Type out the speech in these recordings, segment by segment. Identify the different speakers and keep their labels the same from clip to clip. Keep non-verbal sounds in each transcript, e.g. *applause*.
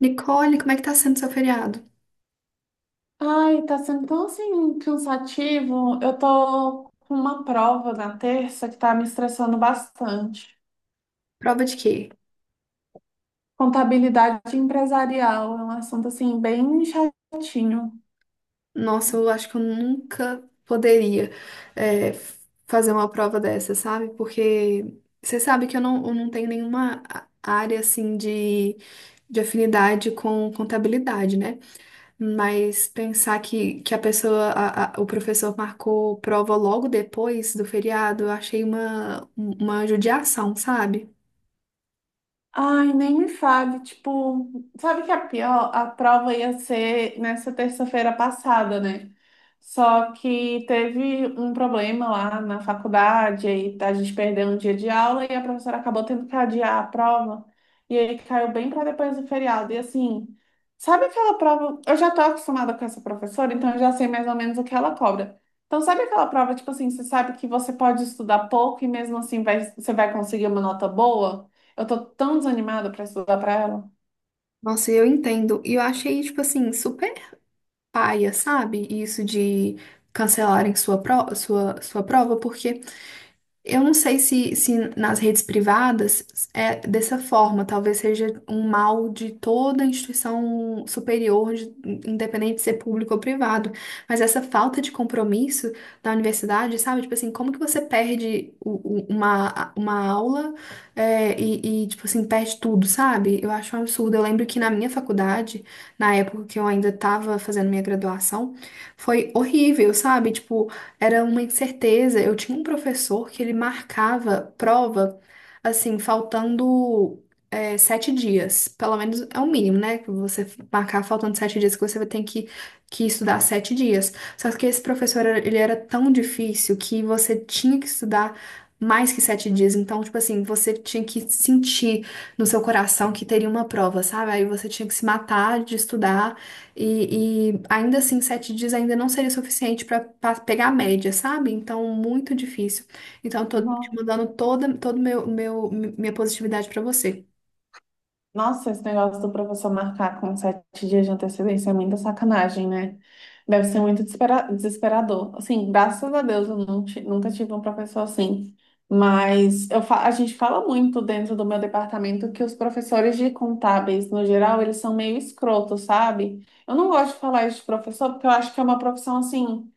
Speaker 1: Nicole, como é que tá sendo seu feriado?
Speaker 2: Ai, tá sendo tão assim cansativo. Eu tô com uma prova na terça que tá me estressando bastante.
Speaker 1: Prova de quê?
Speaker 2: Contabilidade empresarial é um assunto assim bem chatinho.
Speaker 1: Nossa, eu acho que eu nunca poderia é, f- fazer uma prova dessa, sabe? Porque você sabe que eu não tenho nenhuma área assim de afinidade com contabilidade, né? Mas pensar que a pessoa, a- o professor marcou prova logo depois do feriado, eu achei uma judiação, sabe?
Speaker 2: Ai, nem me fale, tipo, sabe que a pior, a prova ia ser nessa terça-feira passada, né? Só que teve um problema lá na faculdade, aí tá, a gente perdeu um dia de aula e a professora acabou tendo que adiar a prova, e aí caiu bem para depois do feriado. E assim, sabe aquela prova? Eu já tô acostumada com essa professora, então eu já sei mais ou menos o que ela cobra. Então, sabe aquela prova, tipo assim, você sabe que você pode estudar pouco e mesmo assim vai, você vai conseguir uma nota boa? Eu tô tão desanimada pra estudar pra ela.
Speaker 1: Nossa, eu entendo. E eu achei, tipo assim, super paia, sabe? Isso de cancelarem sua prova, porque. Eu não sei se nas redes privadas é dessa forma, talvez seja um mal de toda instituição superior, independente de ser público ou privado, mas essa falta de compromisso da universidade, sabe? Tipo assim, como que você perde uma aula e, tipo assim, perde tudo, sabe? Eu acho um absurdo. Eu lembro que na minha faculdade, na época que eu ainda estava fazendo minha graduação, foi horrível, sabe? Tipo, era uma incerteza. Eu tinha um professor que ele marcava prova, assim, faltando 7 dias. Pelo menos é o mínimo, né? Que você marcar faltando 7 dias, que você vai ter que estudar 7 dias. Só que esse professor, ele era tão difícil que você tinha que estudar mais que 7 dias. Então, tipo assim, você tinha que sentir no seu coração que teria uma prova, sabe? Aí você tinha que se matar de estudar. E ainda assim, 7 dias ainda não seria suficiente para pegar a média, sabe? Então, muito difícil. Então, eu tô te
Speaker 2: No-
Speaker 1: mandando toda, todo meu, meu, minha positividade pra você.
Speaker 2: Nossa, esse negócio do professor marcar com sete dias de antecedência é muita sacanagem, né? Deve ser muito desesperador. Assim, graças a Deus eu nunca tive um professor assim. Mas a gente fala muito dentro do meu departamento que os professores de contábeis, no geral, eles são meio escrotos, sabe? Eu não gosto de falar isso de professor porque eu acho que é uma profissão assim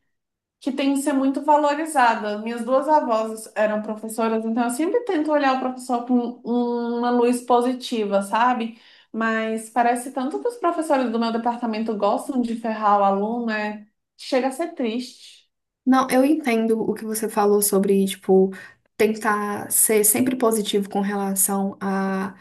Speaker 2: que tem que ser muito valorizada. Minhas duas avós eram professoras, então eu sempre tento olhar o professor com uma luz positiva, sabe? Mas parece tanto que os professores do meu departamento gostam de ferrar o aluno, é... chega a ser triste.
Speaker 1: Não, eu entendo o que você falou sobre, tipo, tentar ser sempre positivo com relação a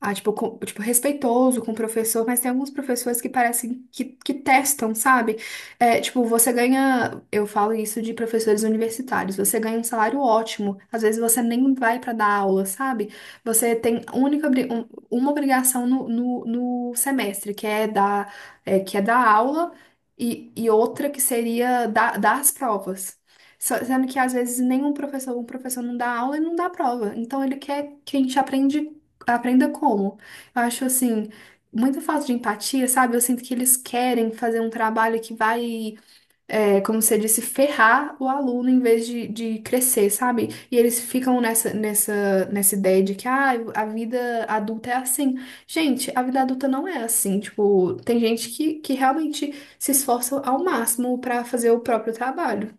Speaker 1: tipo, respeitoso com o professor, mas tem alguns professores que parecem que testam, sabe? Tipo, você ganha, eu falo isso de professores universitários, você ganha um salário ótimo, às vezes você nem vai pra dar aula, sabe? Você tem única, uma obrigação no semestre, que é dar aula e outra que seria dar as provas. Sendo que às vezes nenhum professor, um professor não dá aula e não dá prova. Então ele quer que a gente aprende Aprenda como. Eu acho assim, muita falta de empatia, sabe? Eu sinto que eles querem fazer um trabalho que vai, como você disse, ferrar o aluno em vez de crescer, sabe? E eles ficam nessa ideia de que a vida adulta é assim. Gente, a vida adulta não é assim. Tipo, tem gente que realmente se esforça ao máximo para fazer o próprio trabalho.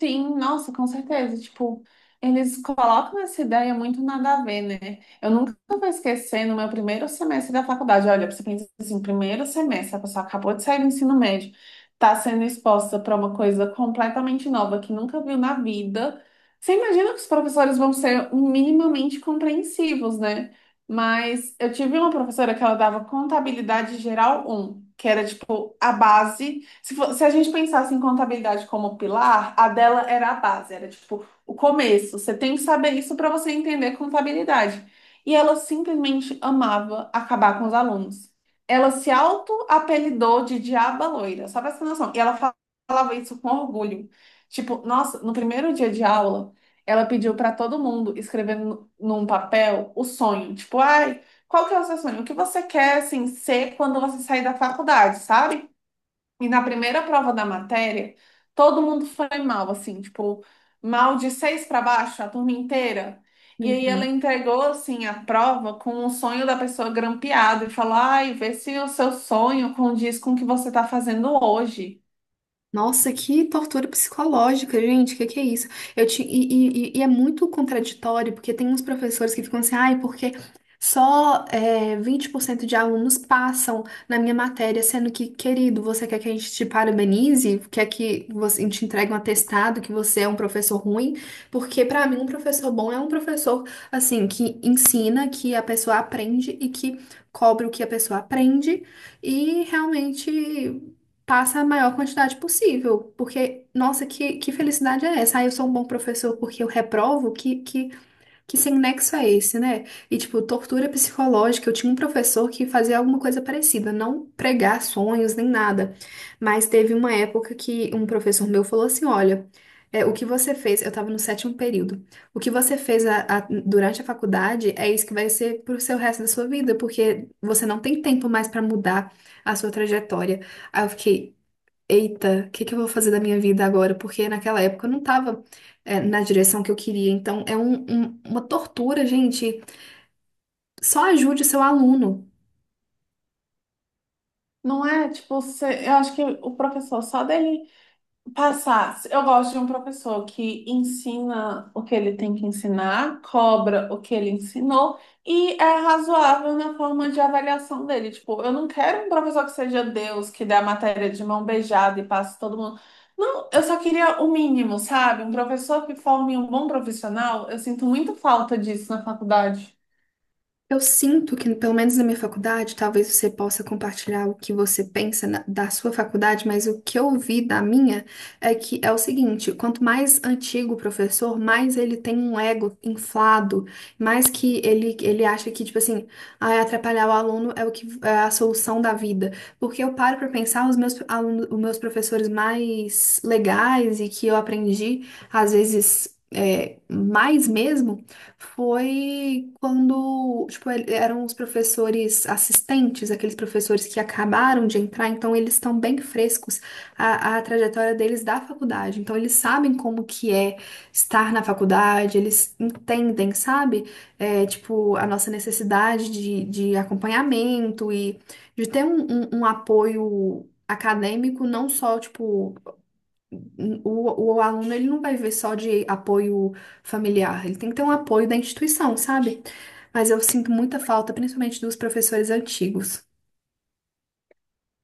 Speaker 2: Sim, nossa, com certeza. Tipo, eles colocam essa ideia muito nada a ver, né? Eu nunca vou esquecer no meu primeiro semestre da faculdade. Olha, você pensa assim, primeiro semestre, a pessoa acabou de sair do ensino médio, tá sendo exposta para uma coisa completamente nova que nunca viu na vida. Você imagina que os professores vão ser minimamente compreensivos, né? Mas eu tive uma professora que ela dava contabilidade geral um que era tipo a base, se, se a gente pensasse em contabilidade como pilar, a dela era a base, era tipo o começo. Você tem que saber isso para você entender contabilidade. E ela simplesmente amava acabar com os alunos. Ela se auto-apelidou de Diaba Loira, só para essa noção. E falava isso com orgulho. Tipo, nossa, no primeiro dia de aula, ela pediu para todo mundo escrever num papel o sonho. Tipo, ai, qual que é o seu sonho? O que você quer, assim, ser quando você sair da faculdade, sabe? E na primeira prova da matéria, todo mundo foi mal, assim, tipo, mal de seis para baixo, a turma inteira. E aí ela
Speaker 1: Uhum.
Speaker 2: entregou, assim, a prova com o sonho da pessoa grampeado e falou, ai, vê se o seu sonho condiz com o que você tá fazendo hoje.
Speaker 1: Nossa, que tortura psicológica, gente. O que que é isso? Eu te, e é muito contraditório, porque tem uns professores que ficam assim, ai, porque só 20% de alunos passam na minha matéria, sendo que, querido, você quer que a gente te parabenize? Quer que você, a gente entregue um atestado que você é um professor ruim? Porque, pra mim, um professor bom é um professor, assim, que ensina, que a pessoa aprende e que cobra o que a pessoa aprende e realmente passa a maior quantidade possível, porque, nossa, que felicidade é essa? Ah, eu sou um bom professor porque eu reprovo? Que sem nexo é esse, né? E, tipo, tortura psicológica, eu tinha um professor que fazia alguma coisa parecida, não pregar sonhos nem nada, mas teve uma época que um professor meu falou assim, olha... o que você fez, eu tava no sétimo período. O que você fez durante a faculdade é isso que vai ser pro seu resto da sua vida, porque você não tem tempo mais pra mudar a sua trajetória. Aí eu fiquei, eita, o que que eu vou fazer da minha vida agora? Porque naquela época eu não tava, na direção que eu queria. Então é uma tortura, gente. Só ajude seu aluno.
Speaker 2: Não é, tipo, eu acho que o professor só dele passar. Eu gosto de um professor que ensina o que ele tem que ensinar, cobra o que ele ensinou e é razoável na forma de avaliação dele. Tipo, eu não quero um professor que seja Deus, que dê a matéria de mão beijada e passe todo mundo. Não, eu só queria o mínimo, sabe? Um professor que forme um bom profissional. Eu sinto muito falta disso na faculdade.
Speaker 1: Eu sinto que, pelo menos na minha faculdade, talvez você possa compartilhar o que você pensa da sua faculdade, mas o que eu vi da minha é que é o seguinte: quanto mais antigo o professor, mais ele tem um ego inflado, mais que ele acha que, tipo assim, atrapalhar o aluno é o que é a solução da vida. Porque eu paro para pensar, os meus alunos, os meus professores mais legais e que eu aprendi, às vezes, mais mesmo foi quando, tipo, eram os professores assistentes, aqueles professores que acabaram de entrar, então eles estão bem frescos a trajetória deles da faculdade. Então eles sabem como que é estar na faculdade, eles entendem, sabe? Tipo, a nossa necessidade de acompanhamento e de ter um apoio acadêmico, não só, tipo, o aluno ele não vai ver só de apoio familiar, ele tem que ter um apoio da instituição, sabe? Mas eu sinto muita falta, principalmente dos professores antigos.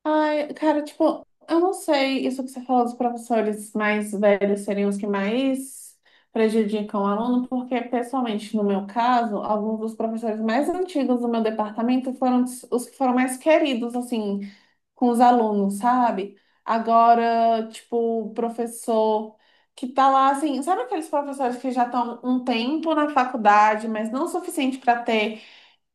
Speaker 2: Ai, cara, tipo, eu não sei isso que você falou dos professores mais velhos seriam os que mais prejudicam o aluno, porque, pessoalmente, no meu caso, alguns dos professores mais antigos do meu departamento foram os que foram mais queridos, assim, com os alunos, sabe? Agora, tipo, o professor que tá lá, assim, sabe aqueles professores que já estão um tempo na faculdade, mas não o suficiente para ter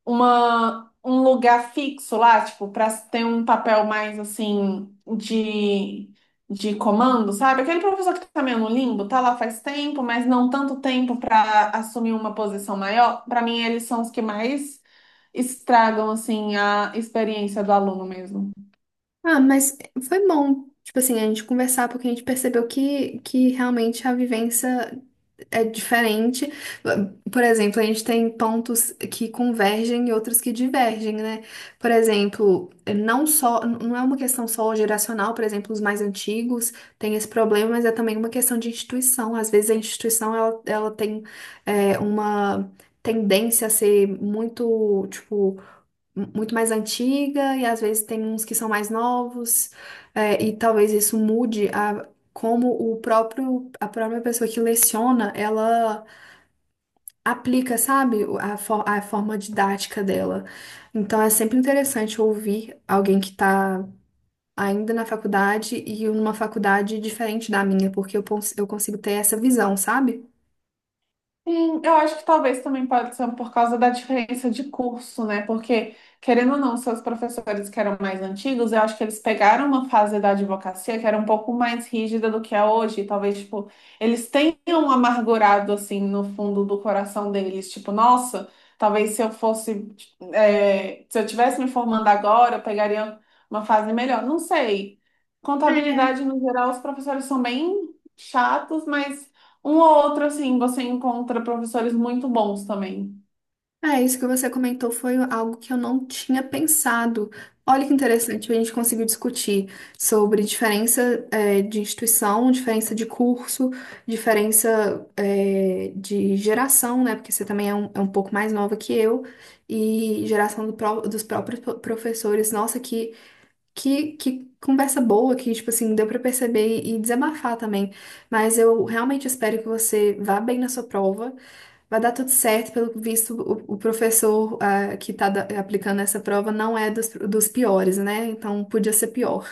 Speaker 2: uma, um lugar fixo lá, tipo, para ter um papel mais assim de comando, sabe? Aquele professor que tá meio no limbo, tá lá faz tempo, mas não tanto tempo para assumir uma posição maior. Para mim, eles são os que mais estragam assim a experiência do aluno mesmo.
Speaker 1: Ah, mas foi bom, tipo assim, a gente conversar, porque a gente percebeu que realmente a vivência é diferente. Por exemplo, a gente tem pontos que convergem e outros que divergem, né? Por exemplo, não só, não é uma questão só geracional, por exemplo, os mais antigos têm esse problema, mas é também uma questão de instituição. Às vezes a instituição ela tem uma tendência a ser muito, tipo, muito mais antiga e às vezes tem uns que são mais novos, e talvez isso mude a como o próprio, a própria pessoa que leciona, ela aplica, sabe, a forma didática dela. Então é sempre interessante ouvir alguém que está ainda na faculdade e numa faculdade diferente da minha, porque eu consigo ter essa visão, sabe?
Speaker 2: Sim, eu acho que talvez também pode ser por causa da diferença de curso, né? Porque, querendo ou não, seus professores que eram mais antigos, eu acho que eles pegaram uma fase da advocacia que era um pouco mais rígida do que é hoje. E talvez, tipo, eles tenham amargurado, assim, no fundo do coração deles. Tipo, nossa, talvez se eu fosse, é, se eu tivesse me formando agora, eu pegaria uma fase melhor. Não sei. Contabilidade, no geral, os professores são bem chatos, mas um ou outro, assim, você encontra professores muito bons também.
Speaker 1: É, isso que você comentou foi algo que eu não tinha pensado. Olha que interessante, a gente conseguiu discutir sobre diferença, de instituição, diferença de curso, diferença, de geração, né? Porque você também é um pouco mais nova que eu, e geração dos próprios professores. Nossa, que conversa boa, que, tipo assim, deu pra perceber e desabafar também. Mas eu realmente espero que você vá bem na sua prova. Vai dar tudo certo, pelo visto, o professor que está aplicando essa prova não é dos piores, né? Então podia ser pior.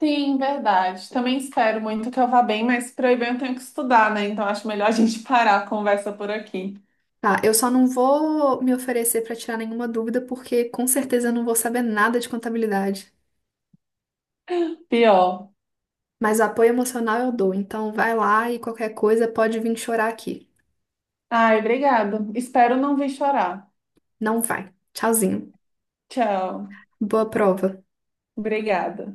Speaker 2: Sim, verdade. Também espero muito que eu vá bem, mas para eu ir bem eu tenho que estudar, né? Então acho melhor a gente *laughs* parar a conversa por aqui.
Speaker 1: Tá, eu só não vou me oferecer para tirar nenhuma dúvida, porque com certeza eu não vou saber nada de contabilidade.
Speaker 2: Pior.
Speaker 1: Mas o apoio emocional eu dou, então vai lá e qualquer coisa pode vir chorar aqui.
Speaker 2: Ai, obrigada. Espero não vir chorar.
Speaker 1: Não vai. Tchauzinho.
Speaker 2: Tchau.
Speaker 1: Boa prova.
Speaker 2: Obrigada.